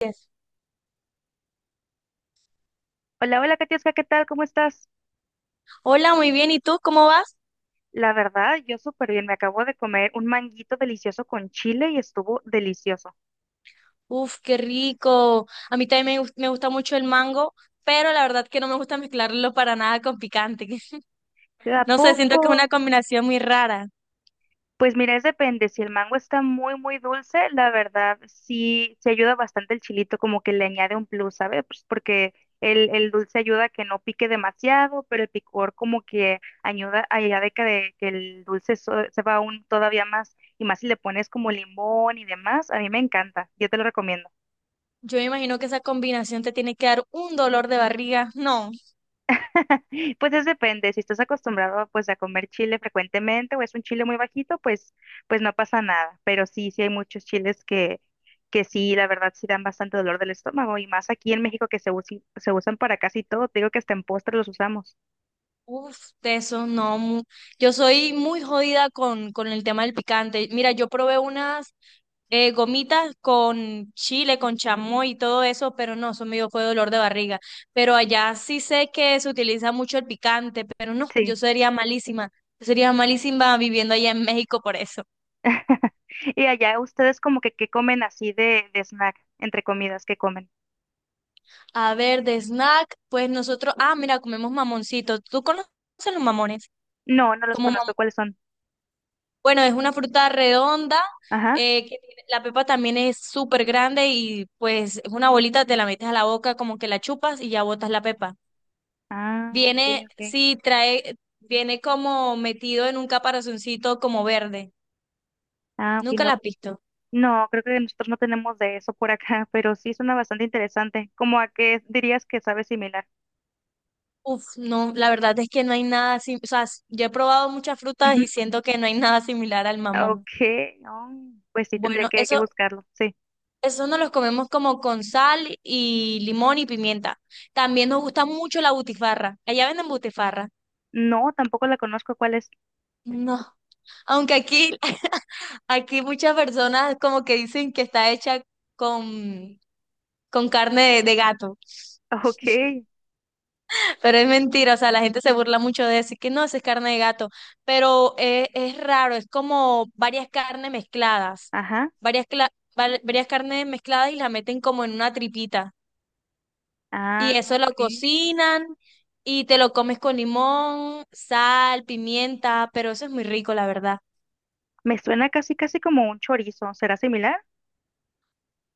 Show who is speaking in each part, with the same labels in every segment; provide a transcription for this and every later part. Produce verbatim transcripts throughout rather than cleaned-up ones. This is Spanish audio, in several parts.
Speaker 1: Yes.
Speaker 2: Hola, hola, Katiuska, ¿qué tal? ¿Cómo estás?
Speaker 1: Hola, muy bien. ¿Y tú cómo vas?
Speaker 2: La verdad, yo súper bien. Me acabo de comer un manguito delicioso con chile y estuvo delicioso.
Speaker 1: Uf, qué rico. A mí también me, gus- me gusta mucho el mango, pero la verdad que no me gusta mezclarlo para nada con picante.
Speaker 2: ¿De a
Speaker 1: No sé, siento que es una
Speaker 2: poco?
Speaker 1: combinación muy rara.
Speaker 2: Pues mira, es depende. Si el mango está muy, muy dulce, la verdad sí, se ayuda bastante el chilito, como que le añade un plus, ¿sabes? Pues porque el, el dulce ayuda a que no pique demasiado, pero el picor como que ayuda, ayuda de que, de que el dulce so- se va aún todavía más. Y más si le pones como limón y demás, a mí me encanta. Yo te lo recomiendo.
Speaker 1: Yo me imagino que esa combinación te tiene que dar un dolor de barriga. No.
Speaker 2: Pues es depende, si estás acostumbrado pues a comer chile frecuentemente o es un chile muy bajito, pues pues no pasa nada, pero sí, sí hay muchos chiles que que sí, la verdad sí dan bastante dolor del estómago y más aquí en México que se usi- se usan para casi todo, te digo que hasta en postres los usamos.
Speaker 1: Uf, de eso no. mu- Yo soy muy jodida con, con el tema del picante. Mira, yo probé unas eh, gomitas con chile, con chamoy y todo eso, pero no, eso me dio fue dolor de barriga. Pero allá sí sé que se utiliza mucho el picante, pero no, yo
Speaker 2: Sí.
Speaker 1: sería malísima. Yo sería malísima viviendo allá en México por eso.
Speaker 2: Y allá ustedes como que qué comen así de de snack, entre comidas que comen.
Speaker 1: A ver, de snack, pues nosotros, ah, mira, comemos mamoncitos. ¿Tú conoces los mamones?
Speaker 2: No, no los
Speaker 1: Como
Speaker 2: conozco, ¿cuáles son?
Speaker 1: bueno, es una fruta redonda,
Speaker 2: Ajá.
Speaker 1: eh, que tiene- la pepa también es súper grande y pues es una bolita, te la metes a la boca, como que la chupas y ya botas la pepa.
Speaker 2: Ah, ok,
Speaker 1: Viene,
Speaker 2: ok.
Speaker 1: sí, trae, viene como metido en un caparazoncito como verde.
Speaker 2: Ah, ok,
Speaker 1: Nunca la
Speaker 2: no.
Speaker 1: has visto.
Speaker 2: No, creo que nosotros no tenemos de eso por acá, pero sí suena bastante interesante. ¿Cómo a qué dirías que sabe similar?
Speaker 1: Uf, no, la verdad es que no hay nada, sim- o sea, s- yo he probado muchas frutas y
Speaker 2: Ujú.
Speaker 1: siento que no hay nada similar al
Speaker 2: Ah, ok,
Speaker 1: mamón.
Speaker 2: oh, pues sí, tendré
Speaker 1: Bueno,
Speaker 2: que, que
Speaker 1: eso,
Speaker 2: buscarlo, sí.
Speaker 1: eso nos los comemos como con sal y limón y pimienta. También nos gusta mucho la butifarra. Allá venden butifarra.
Speaker 2: No, tampoco la conozco, ¿cuál es?
Speaker 1: No, aunque aquí, aquí muchas personas como que dicen que está hecha con, con carne de, de gato,
Speaker 2: Ok,
Speaker 1: pero es mentira, o sea, la gente se burla mucho de decir que no, eso es carne de gato, pero eh, es, raro, es como varias carnes mezcladas,
Speaker 2: ajá,
Speaker 1: varias, cla- val- varias carnes mezcladas y la meten como en una tripita, y
Speaker 2: ah,
Speaker 1: eso
Speaker 2: ok.
Speaker 1: lo cocinan y te lo comes con limón, sal, pimienta, pero eso es muy rico, la verdad.
Speaker 2: Me suena casi, casi como un chorizo, ¿será similar?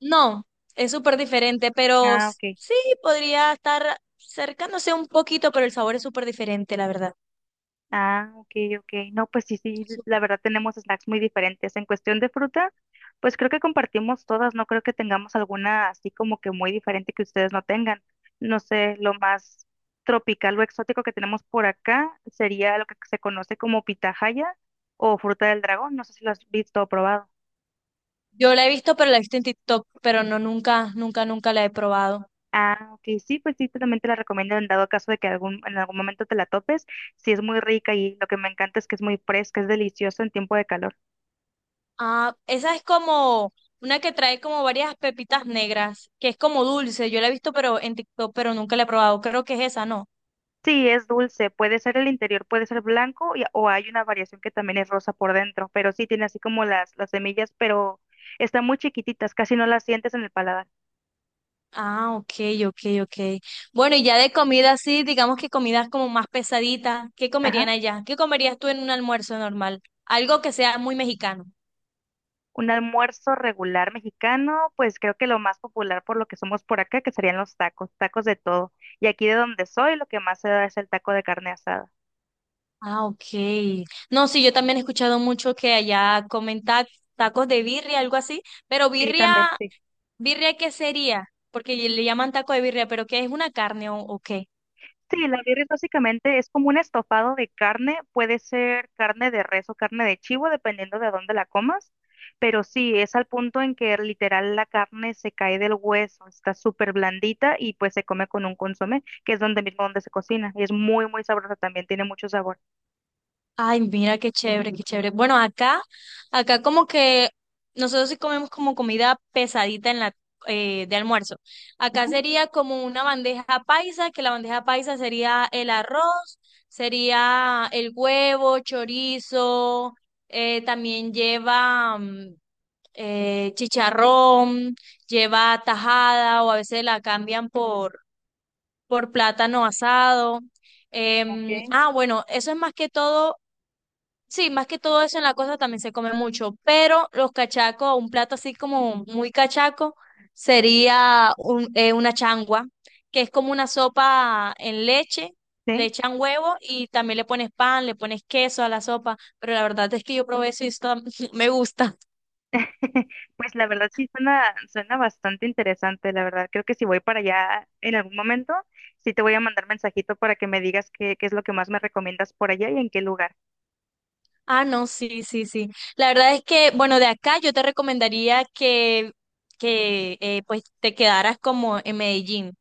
Speaker 1: No, es súper diferente, pero
Speaker 2: Ah,
Speaker 1: s-
Speaker 2: ok.
Speaker 1: sí podría estar cercándose un poquito, pero el sabor es súper diferente, la verdad.
Speaker 2: Ah, ok, ok. No, pues sí, sí,
Speaker 1: Su-
Speaker 2: la verdad tenemos snacks muy diferentes. En cuestión de fruta, pues creo que compartimos todas, no creo que tengamos alguna así como que muy diferente que ustedes no tengan. No sé, lo más tropical o exótico que tenemos por acá sería lo que se conoce como pitahaya o fruta del dragón, no sé si lo has visto o probado.
Speaker 1: Yo la he visto, pero la he visto en TikTok, pero no nunca, nunca, nunca la he probado.
Speaker 2: Ah, ok, sí, pues sí, te- también te la recomiendo en dado caso de que algún, en algún momento te la topes. Sí, es muy rica y lo que me encanta es que es muy fresca, es delicioso en tiempo de calor.
Speaker 1: Ah, esa es como una que trae como varias pepitas negras, que es como dulce. Yo la he visto, pero en TikTok, pero nunca la he probado. Creo que es esa, ¿no?
Speaker 2: Sí, es dulce, puede ser el interior, puede ser blanco y- o hay una variación que también es rosa por dentro, pero sí tiene así como las, las semillas, pero están muy chiquititas, casi no las sientes en el paladar.
Speaker 1: Ah, ok, ok, ok. Bueno, y ya de comida, sí, digamos que comidas como más pesaditas, ¿qué
Speaker 2: Ajá.
Speaker 1: comerían allá? ¿Qué comerías tú en un almuerzo normal? Algo que sea muy mexicano.
Speaker 2: Un almuerzo regular mexicano, pues creo que lo más popular por lo que somos por acá, que serían los tacos, tacos de todo. Y aquí de donde soy, lo que más se da es el taco de carne asada.
Speaker 1: Ah, ok. No, sí, yo también he escuchado mucho que allá comen ta- tacos de birria, algo así, pero
Speaker 2: Sí,
Speaker 1: birria,
Speaker 2: también, sí.
Speaker 1: ¿birria qué sería? Porque le llaman taco de birria, pero ¿qué es una carne o, o qué?
Speaker 2: Sí, la birria básicamente es como un estofado de carne, puede ser carne de res o carne de chivo, dependiendo de dónde la comas, pero sí, es al punto en que literal la carne se cae del hueso, está súper blandita y pues se come con un consomé, que es donde mismo donde se cocina, y es muy, muy sabrosa también, tiene mucho sabor.
Speaker 1: Ay, mira qué chévere, qué chévere. Bueno, acá, acá como que nosotros sí comemos como comida pesadita en la eh, de almuerzo. Acá sería como una bandeja paisa, que la bandeja paisa sería el arroz, sería el huevo, chorizo, eh, también lleva mm, eh, chicharrón, lleva tajada o a veces la cambian por por plátano asado.
Speaker 2: Ok.
Speaker 1: Em, ah, bueno, eso es más que todo sí, más que todo eso en la costa también se come mucho, pero los cachacos, un plato así como muy cachaco, sería un- eh, una changua, que es como una sopa en leche, le
Speaker 2: Sí,
Speaker 1: echan huevo y también le pones pan, le pones queso a la sopa, pero la verdad es que yo probé eso y esto me gusta.
Speaker 2: pues la verdad sí suena, suena bastante interesante, la verdad, creo que si voy para allá en algún momento, sí te voy a mandar mensajito para que me digas qué, qué es lo que más me recomiendas por allá y en qué lugar.
Speaker 1: Ah, no, sí, sí, sí. La verdad es que, bueno, de acá yo te recomendaría que, que eh, pues te quedaras como en Medellín.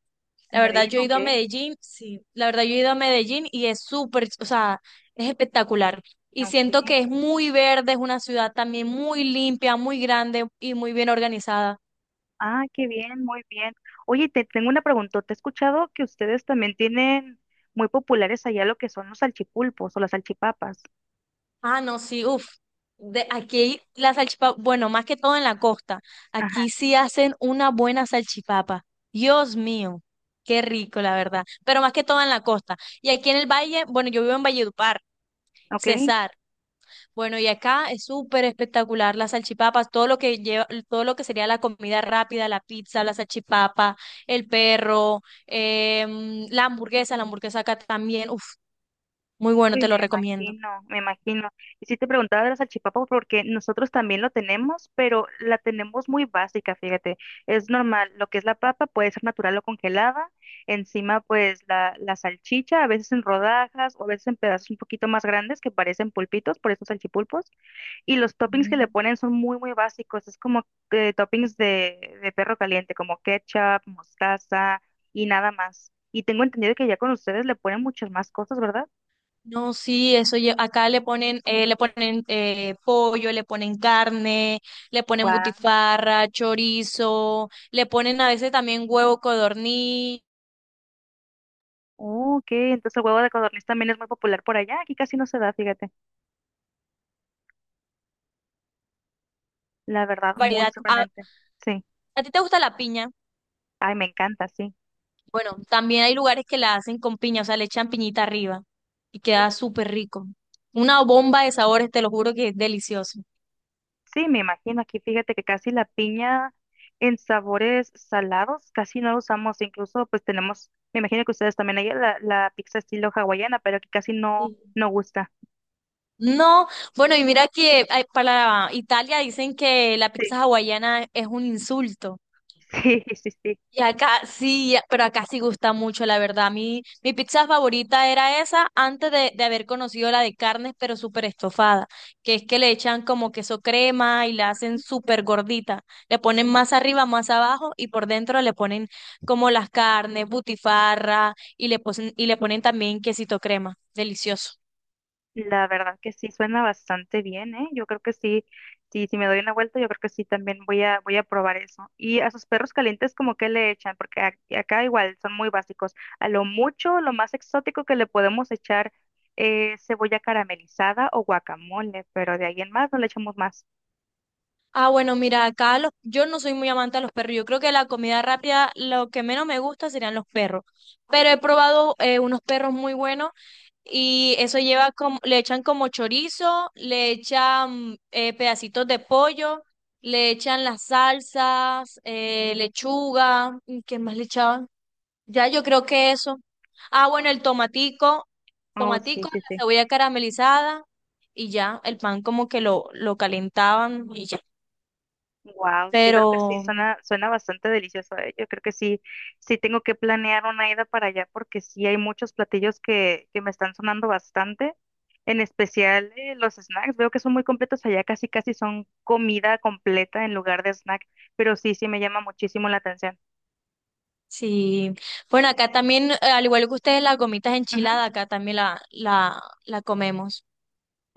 Speaker 2: En
Speaker 1: La verdad,
Speaker 2: Medellín,
Speaker 1: yo he ido
Speaker 2: ok,
Speaker 1: a Medellín, sí, la verdad, yo he ido a Medellín y es súper, o sea, es espectacular. Y siento que es
Speaker 2: ok.
Speaker 1: muy verde, es una ciudad también muy limpia, muy grande y muy bien organizada.
Speaker 2: Ah, qué bien, muy bien. Oye, te tengo una pregunta. ¿Te he escuchado que ustedes también tienen muy populares allá lo que son los salchipulpos o las salchipapas?
Speaker 1: Ah, no, sí, uff. De aquí la salchipapa, bueno, más que todo en la costa,
Speaker 2: Ajá,
Speaker 1: aquí sí hacen una buena salchipapa. Dios mío, qué rico, la verdad. Pero más que todo en la costa. Y aquí en el valle, bueno, yo vivo en Valledupar,
Speaker 2: ok. Uy,
Speaker 1: César. Bueno, y acá es súper espectacular las salchipapas, todo lo que lleva, todo lo que sería la comida rápida, la pizza, la salchipapa, el perro, em, la hamburguesa, la hamburguesa acá también, uf, muy bueno,
Speaker 2: me
Speaker 1: te lo recomiendo.
Speaker 2: imagino, me imagino. Y sí te preguntaba de la salchipapa porque nosotros también lo tenemos, pero la tenemos muy básica, fíjate. Es normal, lo que es la papa puede ser natural o congelada. Encima, pues la, la salchicha, a veces en rodajas o a veces en pedazos un poquito más grandes que parecen pulpitos, por eso salchipulpos. Y los toppings que le
Speaker 1: Mm.
Speaker 2: ponen son muy, muy básicos. Es como eh, toppings de, de perro caliente, como ketchup, mostaza y nada más. Y tengo entendido que ya con ustedes le ponen muchas más cosas, ¿verdad?
Speaker 1: No, sí, eso lle- acá le ponen, eh, le ponen eh, pollo, le ponen carne, le ponen
Speaker 2: Guau.
Speaker 1: butifarra, chorizo, le ponen a veces también huevo codorniz,
Speaker 2: Oh, ok, entonces el huevo de codorniz también es muy popular por allá. Aquí casi no se da, fíjate. La verdad, muy
Speaker 1: variedad. ¿A,
Speaker 2: sorprendente. Sí.
Speaker 1: a ti te gusta la piña?
Speaker 2: Ay, me encanta, sí.
Speaker 1: Bueno, también hay lugares que la hacen con piña, o sea, le echan piñita arriba y queda súper rico. Una bomba de sabores, te lo juro que es delicioso.
Speaker 2: Sí, me imagino. Aquí fíjate que casi la piña en sabores salados casi no la usamos. Incluso, pues tenemos, me imagino que ustedes también hay la, la pizza estilo hawaiana, pero que casi no,
Speaker 1: Sí.
Speaker 2: no gusta.
Speaker 1: No, bueno, y mira que ay, para Italia dicen que la
Speaker 2: Sí.
Speaker 1: pizza hawaiana es un insulto.
Speaker 2: Sí, sí, sí.
Speaker 1: Y acá sí, ya- pero acá sí gusta mucho, la verdad. Mi, mi pizza favorita era esa antes de, de haber conocido la de carnes, pero súper estofada, que es que le echan como queso crema y la hacen súper gordita. Le ponen más arriba, más abajo y por dentro le ponen como las carnes, butifarra y le, posen- y le ponen también quesito crema. Delicioso.
Speaker 2: La verdad que sí suena bastante bien, ¿eh? Yo creo que sí, sí, si me doy una vuelta, yo creo que sí también voy a, voy a probar eso. Y a sus perros calientes, ¿como que le echan? Porque ac- acá igual son muy básicos. A lo mucho, lo más exótico que le podemos echar es cebolla caramelizada o guacamole, pero de ahí en más no le echamos más.
Speaker 1: Ah, bueno, mira, acá los, yo no soy muy amante a los perros. Yo creo que la comida rápida, lo que menos me gusta serían los perros. Pero he probado eh, unos perros muy buenos y eso lleva como, le echan como chorizo, le echan eh, pedacitos de pollo, le echan las salsas, eh, lechuga, ¿y ¿qué más le echaban? Ya yo creo que eso. Ah, bueno, el tomatico,
Speaker 2: Oh, sí,
Speaker 1: tomatico,
Speaker 2: sí,
Speaker 1: la
Speaker 2: sí.
Speaker 1: cebolla caramelizada y ya, el pan como que lo, lo calentaban y ya.
Speaker 2: Wow, yo creo que sí,
Speaker 1: Pero
Speaker 2: suena, suena bastante delicioso, ¿eh? Yo creo que sí, sí tengo que planear una ida para allá porque sí hay muchos platillos que, que me están sonando bastante, en especial eh, los snacks, veo que son muy completos allá, casi casi son comida completa en lugar de snack, pero sí, sí me llama muchísimo la atención.
Speaker 1: sí, bueno, acá también, eh, al igual que ustedes, las gomitas enchiladas, acá también la, la, la comemos.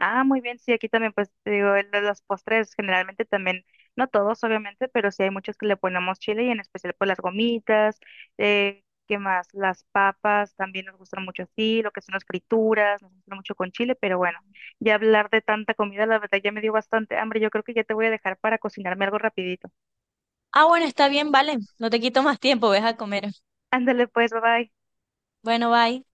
Speaker 2: Ah, muy bien, sí, aquí también, pues te digo, el de los postres generalmente también, no todos obviamente, pero sí hay muchos que le ponemos chile y en especial pues las gomitas, eh, ¿qué más? Las papas también nos gustan mucho así, lo que son las frituras, nos gusta mucho con chile, pero bueno, ya hablar de tanta comida, la verdad ya me dio bastante hambre, yo creo que ya te voy a dejar para cocinarme algo rapidito.
Speaker 1: Ah, bueno, está bien, vale. No te quito más tiempo, ves a comer.
Speaker 2: Ándale pues, bye bye.
Speaker 1: Bueno, bye.